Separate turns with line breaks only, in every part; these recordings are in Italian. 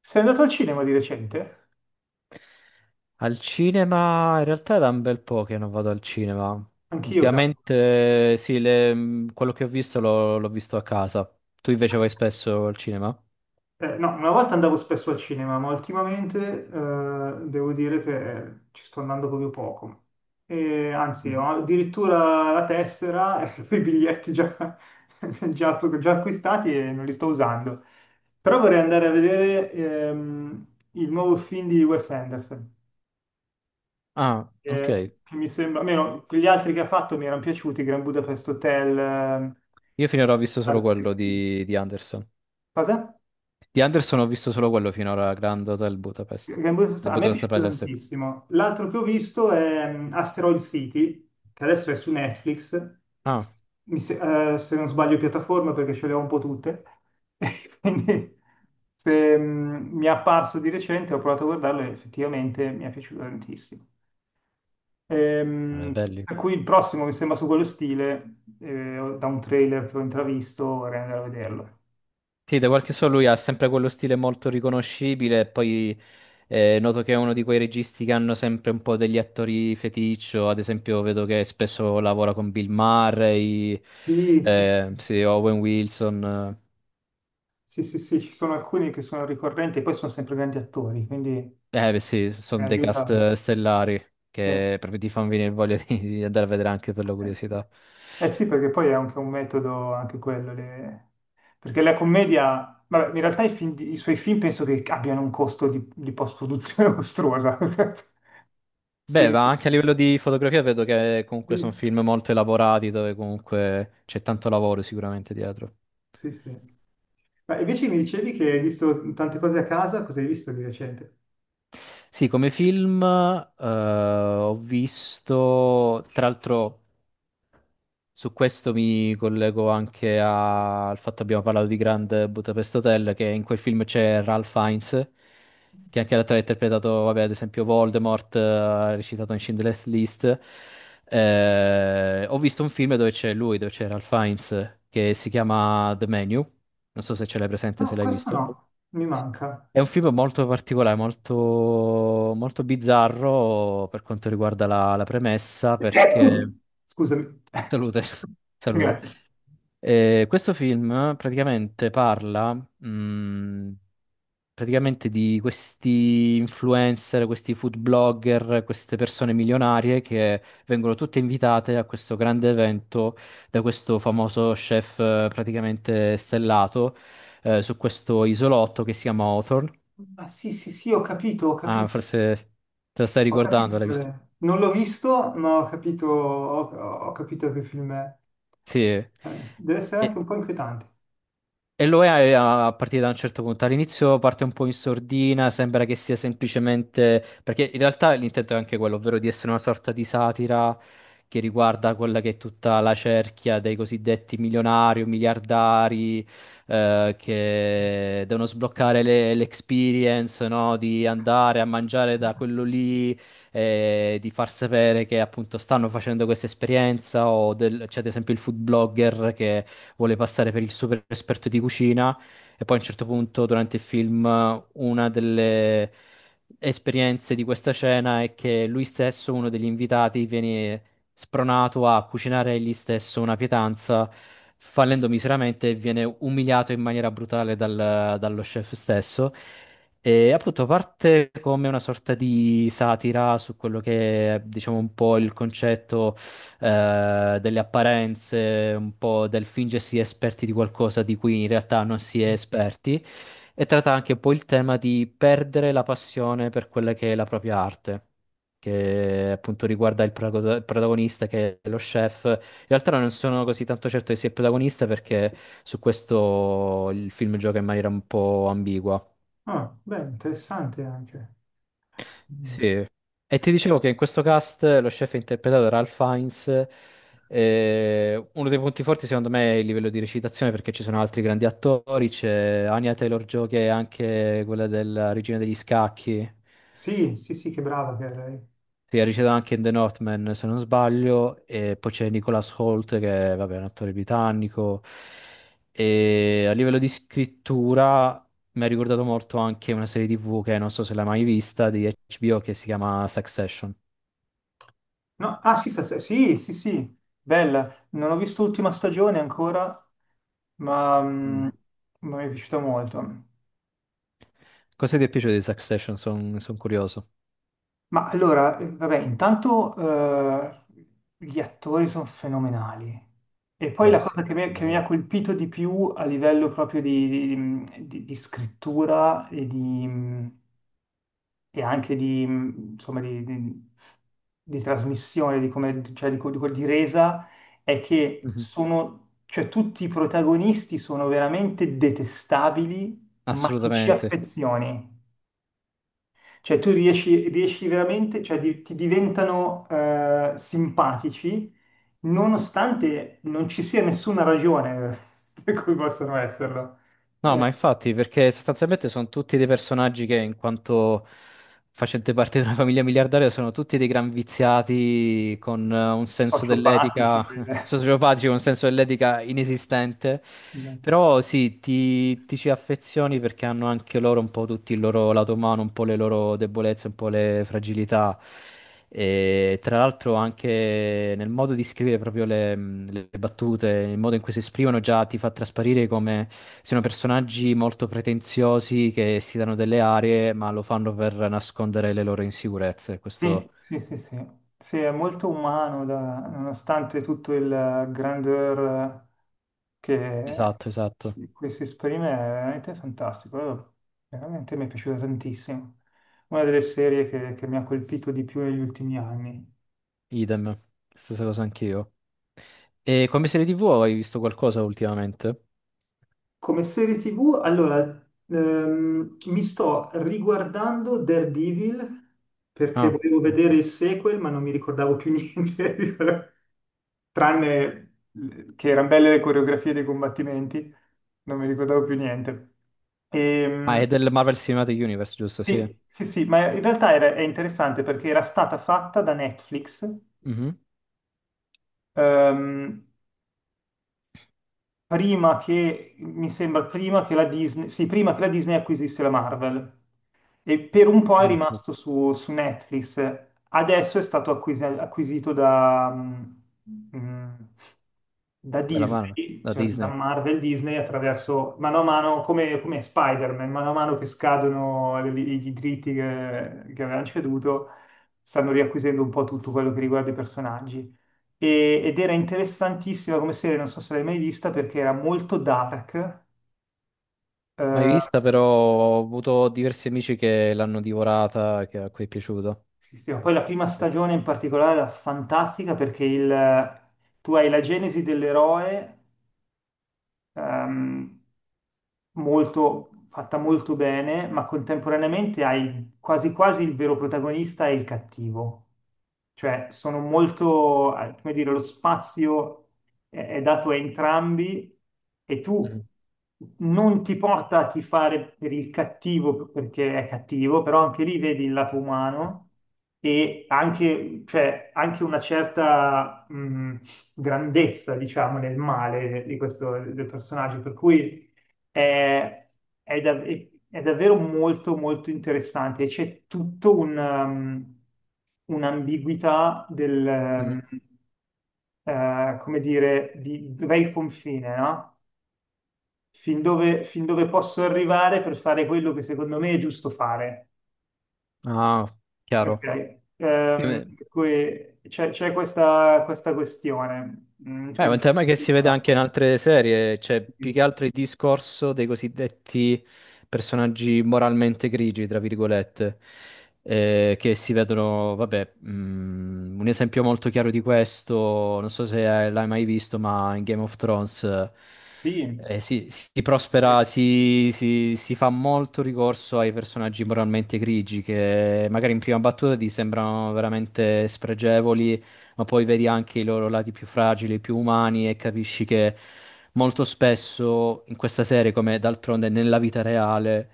Sei andato al cinema di recente?
Al cinema, in realtà è da un bel po' che non vado al cinema.
Anch'io, cavolo.
Ultimamente, sì, quello che ho visto l'ho visto a casa. Tu invece vai spesso al cinema?
No, una volta andavo spesso al cinema, ma ultimamente devo dire che ci sto andando proprio poco. E, anzi, ho
Mhm.
addirittura la tessera e i biglietti già, già acquistati e non li sto usando. Però vorrei andare a vedere il nuovo film di Wes Anderson,
Ah, ok.
che mi sembra, almeno quegli altri che ha fatto mi erano piaciuti, Grand Budapest Hotel,
Io finora ho visto solo
altri
quello
sì.
di Anderson.
Cosa?
Di Anderson ho visto solo quello finora, Grand Hotel Budapest. Il
A me è
Budapest
piaciuto
Hotel, sì.
tantissimo. L'altro che ho visto è Asteroid City, che adesso è su Netflix.
Ah,
Mi se, se non sbaglio piattaforma, perché ce le ho un po' tutte. Quindi se, mm, mi è apparso di recente, ho provato a guardarlo e effettivamente mi è piaciuto tantissimo.
vabbè,
Ehm,
belli.
per cui il prossimo mi sembra su quello stile, da un trailer che ho intravisto, vorrei andare a vederlo.
Sì, da quel che so lui ha sempre quello stile molto riconoscibile e poi noto che è uno di quei registi che hanno sempre un po' degli attori feticcio, ad esempio vedo che spesso lavora con Bill Murray,
Sì, sì, sì.
sì, Owen Wilson,
Sì, sì, sì, ci sono alcuni che sono ricorrenti e poi sono sempre grandi attori, quindi
eh beh, sì, sono dei cast
aiuta.
stellari
Sì.
che proprio ti fanno venire voglia di andare a vedere anche per la curiosità.
Eh sì, perché poi è anche un metodo, anche quello. Perché la commedia, vabbè, in realtà i suoi film penso che abbiano un costo di post-produzione mostruosa.
Beh, ma
Sembra.
anche a livello di fotografia vedo che comunque sono
Sì,
film molto elaborati dove comunque c'è tanto lavoro sicuramente dietro.
sì, sì. Ma invece mi dicevi che hai visto tante cose a casa, cosa hai visto di recente?
Sì, come film ho visto, tra l'altro su questo mi collego anche al fatto che abbiamo parlato di Grand Budapest Hotel, che in quel film c'è Ralph Fiennes, che anche l'attore ha interpretato, vabbè, ad esempio Voldemort, ha recitato in Schindler's List. Ho visto un film dove c'è lui, dove c'è Ralph Fiennes, che si chiama The Menu, non so se ce l'hai presente, se
No,
l'hai
questo
visto.
no, mi manca.
È un film molto particolare, molto, molto bizzarro per quanto riguarda la premessa, perché.
Scusami.
Salute, salute.
Grazie.
Questo film praticamente parla, praticamente di questi influencer, questi food blogger, queste persone milionarie che vengono tutte invitate a questo grande evento da questo famoso chef praticamente stellato su questo isolotto che si chiama Hawthorne.
Ah, sì, sì, sì, ho capito, ho
Ah,
capito,
forse te lo stai
ho capito
ricordando, l'hai
qual
visto?
è. Non l'ho visto, ma ho capito, ho capito che film è.
Sì.
Deve essere
E,
anche un po' inquietante.
E lo è a partire da un certo punto. All'inizio parte un po' in sordina, sembra che sia semplicemente, perché in realtà l'intento è anche quello, ovvero di essere una sorta di satira che riguarda quella che è tutta la cerchia dei cosiddetti milionari o miliardari che devono sbloccare l'experience, no? Di andare a mangiare da quello lì, di far sapere che appunto stanno facendo questa esperienza o c'è ad esempio il food blogger che vuole passare per il super esperto di cucina e poi a un certo punto durante il film una delle esperienze di questa cena è che lui stesso, uno degli invitati, viene spronato a cucinare egli stesso una pietanza, fallendo miseramente e viene umiliato in maniera brutale dallo chef stesso. E appunto parte come una sorta di satira su quello che è, diciamo, un po' il concetto delle apparenze, un po' del fingersi esperti di qualcosa di cui in realtà non si è esperti, e tratta anche un po' il tema di perdere la passione per quella che è la propria arte. Che appunto riguarda il protagonista che è lo chef. In realtà non sono così tanto certo che sia il protagonista perché su questo il film gioca in maniera un po' ambigua.
Ah, beh, interessante anche. Mm.
Sì, e ti dicevo che in questo cast lo chef è interpretato da Ralph Fiennes. Uno dei punti forti secondo me è il livello di recitazione perché ci sono altri grandi attori, c'è Anya Taylor-Joy che è anche quella della Regina degli Scacchi,
Sì, sì, sì, che brava che è lei.
che ha recitato anche in The Northman se non sbaglio, e poi c'è Nicholas Holt che è, vabbè, è un attore britannico. E a livello di scrittura mi ha ricordato molto anche una serie TV che non so se l'hai mai vista di HBO che si chiama Succession.
No, ah, sì, sì, sì, sì, bella. Non ho visto l'ultima stagione ancora, ma mm, ma mi è piaciuta molto.
Cosa ti è piaciuto di Succession? Sono curioso.
Ma allora, vabbè, intanto gli attori sono fenomenali. E poi
Beh,
la
sì,
cosa che mi,
quello
che
è
mi ha
vero.
colpito di più a livello proprio di scrittura e anche di, insomma, di trasmissione, di, come, cioè di resa, è che
Mhm.
sono, cioè, tutti i protagonisti sono veramente detestabili, ma ti ci
Assolutamente.
affezioni. Cioè, tu riesci veramente, ti diventano simpatici nonostante non ci sia nessuna ragione per cui possano esserlo.
No,
Eh,
ma infatti, perché sostanzialmente sono tutti dei personaggi che, in quanto facente parte di una famiglia miliardaria, sono tutti dei gran viziati con un senso
sociopatici.
dell'etica. Sociopatico, un senso dell'etica inesistente.
Esatto.
Però sì, ti ci affezioni perché hanno anche loro un po' tutti il loro lato umano, un po' le loro debolezze, un po' le fragilità. E tra l'altro anche nel modo di scrivere proprio le battute, il modo in cui si esprimono già ti fa trasparire come siano personaggi molto pretenziosi che si danno delle arie, ma lo fanno per nascondere le loro insicurezze. Questo.
Sì, sì, sì, sì. Sì, è molto umano, nonostante tutto il grandeur che
Esatto, esatto.
di cui si esprime, è veramente fantastico. Veramente mi è piaciuta tantissimo. Una delle serie che mi ha colpito di più negli ultimi anni.
Idem. Stessa cosa anch'io. E come serie TV hai visto qualcosa ultimamente?
Come serie TV, allora, mi sto riguardando Daredevil perché
Ah,
volevo vedere
ok.
il sequel, ma non mi ricordavo più niente. Tranne che erano belle le coreografie dei combattimenti, non mi ricordavo più niente.
Ah, è
Ehm,
del Marvel Cinematic Universe, giusto? Sì.
sì, sì, sì, ma in realtà è interessante perché era stata fatta da Netflix
Mhm.
ehm, prima che, mi sembra, prima che la Disney, sì, prima che la Disney acquisisse la Marvel. E per un po' è
Ah, ok.
rimasto su Netflix, adesso è stato acquisito mm, da
Della Marvel,
Disney,
da
cioè da
Disney.
Marvel Disney attraverso mano a mano, come Spider-Man, mano a mano che scadono i diritti che avevano ceduto, stanno riacquisendo un po' tutto quello che riguarda i personaggi. Ed era interessantissima come serie, non so se l'hai mai vista, perché era molto dark.
Mai
eh,
vista, però ho avuto diversi amici che l'hanno divorata, che a cui è piaciuto.
Sì, sì, ma poi la prima
Sì.
stagione in particolare era fantastica perché tu hai la genesi dell'eroe ehm, molto, fatta molto bene, ma contemporaneamente hai quasi quasi il vero protagonista e il cattivo. Cioè, sono molto, come dire, lo spazio è dato a entrambi e tu
Mhm.
non ti porta a tifare per il cattivo perché è cattivo, però anche lì vedi il lato umano e anche, cioè, anche una certa, grandezza, diciamo, nel male di questo del personaggio, per cui è, è dav- è davvero molto molto interessante. C'è tutto un'ambiguità del,
Mhm.
come dire, di dov'è il confine, no? Fin dove posso arrivare per fare quello che secondo me è giusto fare.
Ah, chiaro.
Ok?
Sì.
Per cui c'è questa questione.
È un tema che si vede anche in altre serie, cioè più che altro il discorso dei cosiddetti personaggi moralmente grigi, tra virgolette, che si vedono, vabbè, un esempio molto chiaro di questo, non so se l'hai mai visto, ma in Game of Thrones
Sì,
si prospera, si fa molto ricorso ai personaggi moralmente grigi, che magari in prima battuta ti sembrano veramente spregevoli ma poi vedi anche i loro lati più fragili, più umani e capisci che molto spesso in questa serie, come d'altronde nella vita reale,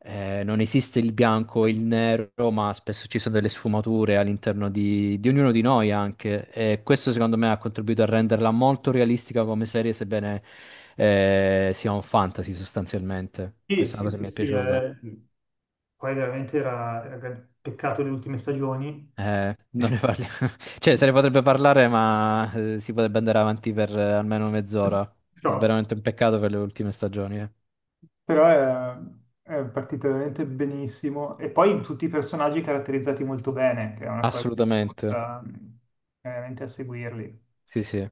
non esiste il bianco e il nero, ma spesso ci sono delle sfumature all'interno di ognuno di noi anche. E questo secondo me ha contribuito a renderla molto realistica come serie, sebbene sia un fantasy sostanzialmente.
sì,
Questa è
sì,
una cosa che
sì,
mi è
sì,
piaciuta.
poi veramente era un peccato le ultime stagioni,
Non ne parliamo. Cioè, se ne potrebbe parlare, ma si potrebbe andare avanti per almeno mezz'ora. È
però,
veramente un peccato per le ultime stagioni, eh.
però è partita veramente benissimo e poi tutti i personaggi caratterizzati molto bene, che è una cosa che ti
Assolutamente.
porta veramente a seguirli.
Sì, sì.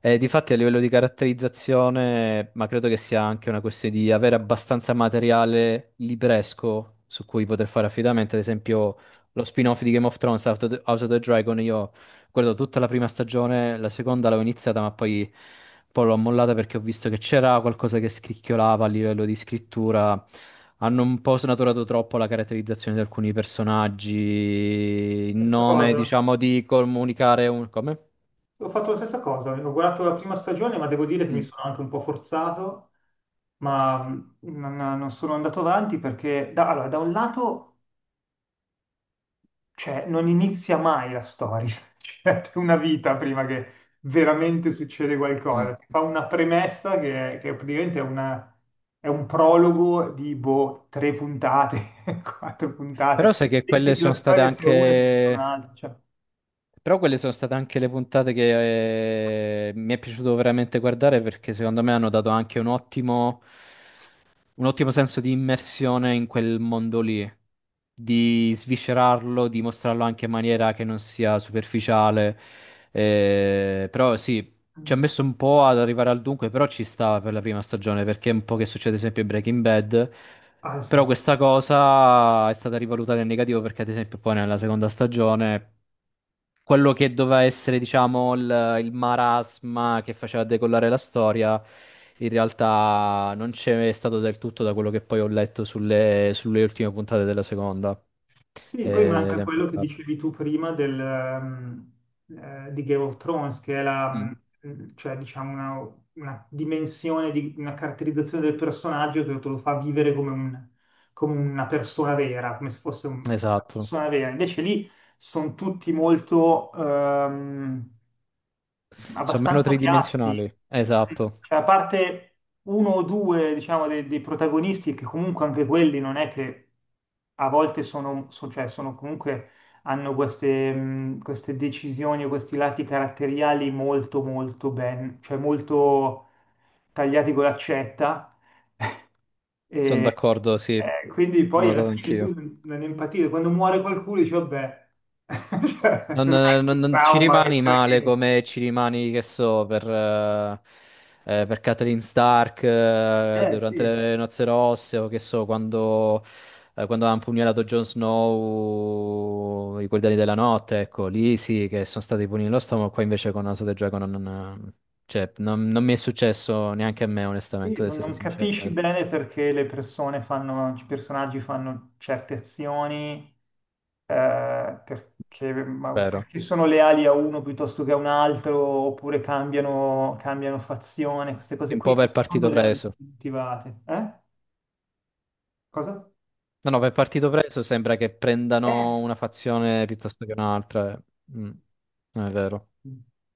E difatti a livello di caratterizzazione, ma credo che sia anche una questione di avere abbastanza materiale libresco su cui poter fare affidamento. Ad esempio, lo spin-off di Game of Thrones, House of the Dragon, io guardo tutta la prima stagione, la seconda l'avevo iniziata, ma poi, poi l'ho mollata perché ho visto che c'era qualcosa che scricchiolava a livello di scrittura. Hanno un po' snaturato troppo la caratterizzazione di alcuni personaggi, in
Stessa
nome,
cosa.
diciamo, di comunicare un. Come?
Ho fatto la stessa cosa, ho guardato la prima stagione, ma devo dire che mi
Mm.
sono anche un po' forzato, ma non sono andato avanti perché allora, da un lato... Cioè, non inizia mai la storia, cioè, c'è una vita prima che veramente succede
Mm.
qualcosa. Ti fa una premessa che praticamente è un prologo di boh, tre puntate, quattro puntate.
Però sai che
Pensi
quelle
che la
sono state
storia sia una e diventa
anche.
un'altra. Cioè,
Però quelle sono state anche le puntate che mi è piaciuto veramente guardare perché secondo me hanno dato anche un ottimo senso di immersione in quel mondo lì, di sviscerarlo, di mostrarlo anche in maniera che non sia superficiale. Però sì, ci ha
mm,
messo un po' ad arrivare al dunque, però ci stava per la prima stagione perché è un po' che succede sempre in Breaking Bad. Però
pazzesco.
questa cosa è stata rivalutata in negativo perché ad esempio poi nella seconda stagione quello che doveva essere, diciamo, il marasma che faceva decollare la storia, in realtà non c'è stato del tutto da quello che poi ho letto sulle ultime puntate della seconda.
Sì, poi
Ed è
manca
un
quello che
peccato.
dicevi tu prima di Game of Thrones, che è
Mm,
cioè, diciamo una, dimensione, di, una caratterizzazione del personaggio che te lo fa vivere come, come una persona vera, come se fosse una
esatto.
persona vera. Invece lì sono tutti molto,
Sono meno
abbastanza piatti.
tridimensionali.
Sì.
Esatto.
Cioè, a parte uno o due, diciamo, dei protagonisti, che comunque anche quelli non è che a volte sono, cioè, sono comunque hanno queste decisioni o questi lati caratteriali molto molto ben, cioè molto tagliati con l'accetta.
Sono
E,
d'accordo, sì. L'ho
quindi poi alla
notato
fine tu
anch'io.
non empatizzi. Quando muore qualcuno dici, vabbè, cioè,
Non,
non è
non-
che il
non ci
trauma che
rimani
c'era
male
anche.
come ci rimani, che so, per Catelyn Stark
Eh
durante
sì,
le nozze rosse o che so, quando ha impugnalato Jon Snow i Guardiani della Notte, ecco, lì sì che sono stati pugni nello stomaco, qua invece con House of the Dragon non, cioè, non mi è successo neanche a me,
sì,
onestamente, ad essere
non
sincero.
capisci bene perché le persone fanno, i personaggi fanno certe azioni, ma
Vero.
perché sono leali a uno piuttosto che a un altro, oppure cambiano fazione, queste cose
Un po'
qui non
per
sono
partito
realmente
preso.
motivate. Eh? Cosa?
No, no, per partito preso sembra che prendano
Eh,
una fazione piuttosto che un'altra. Eh. Mm, Non è vero.
sì.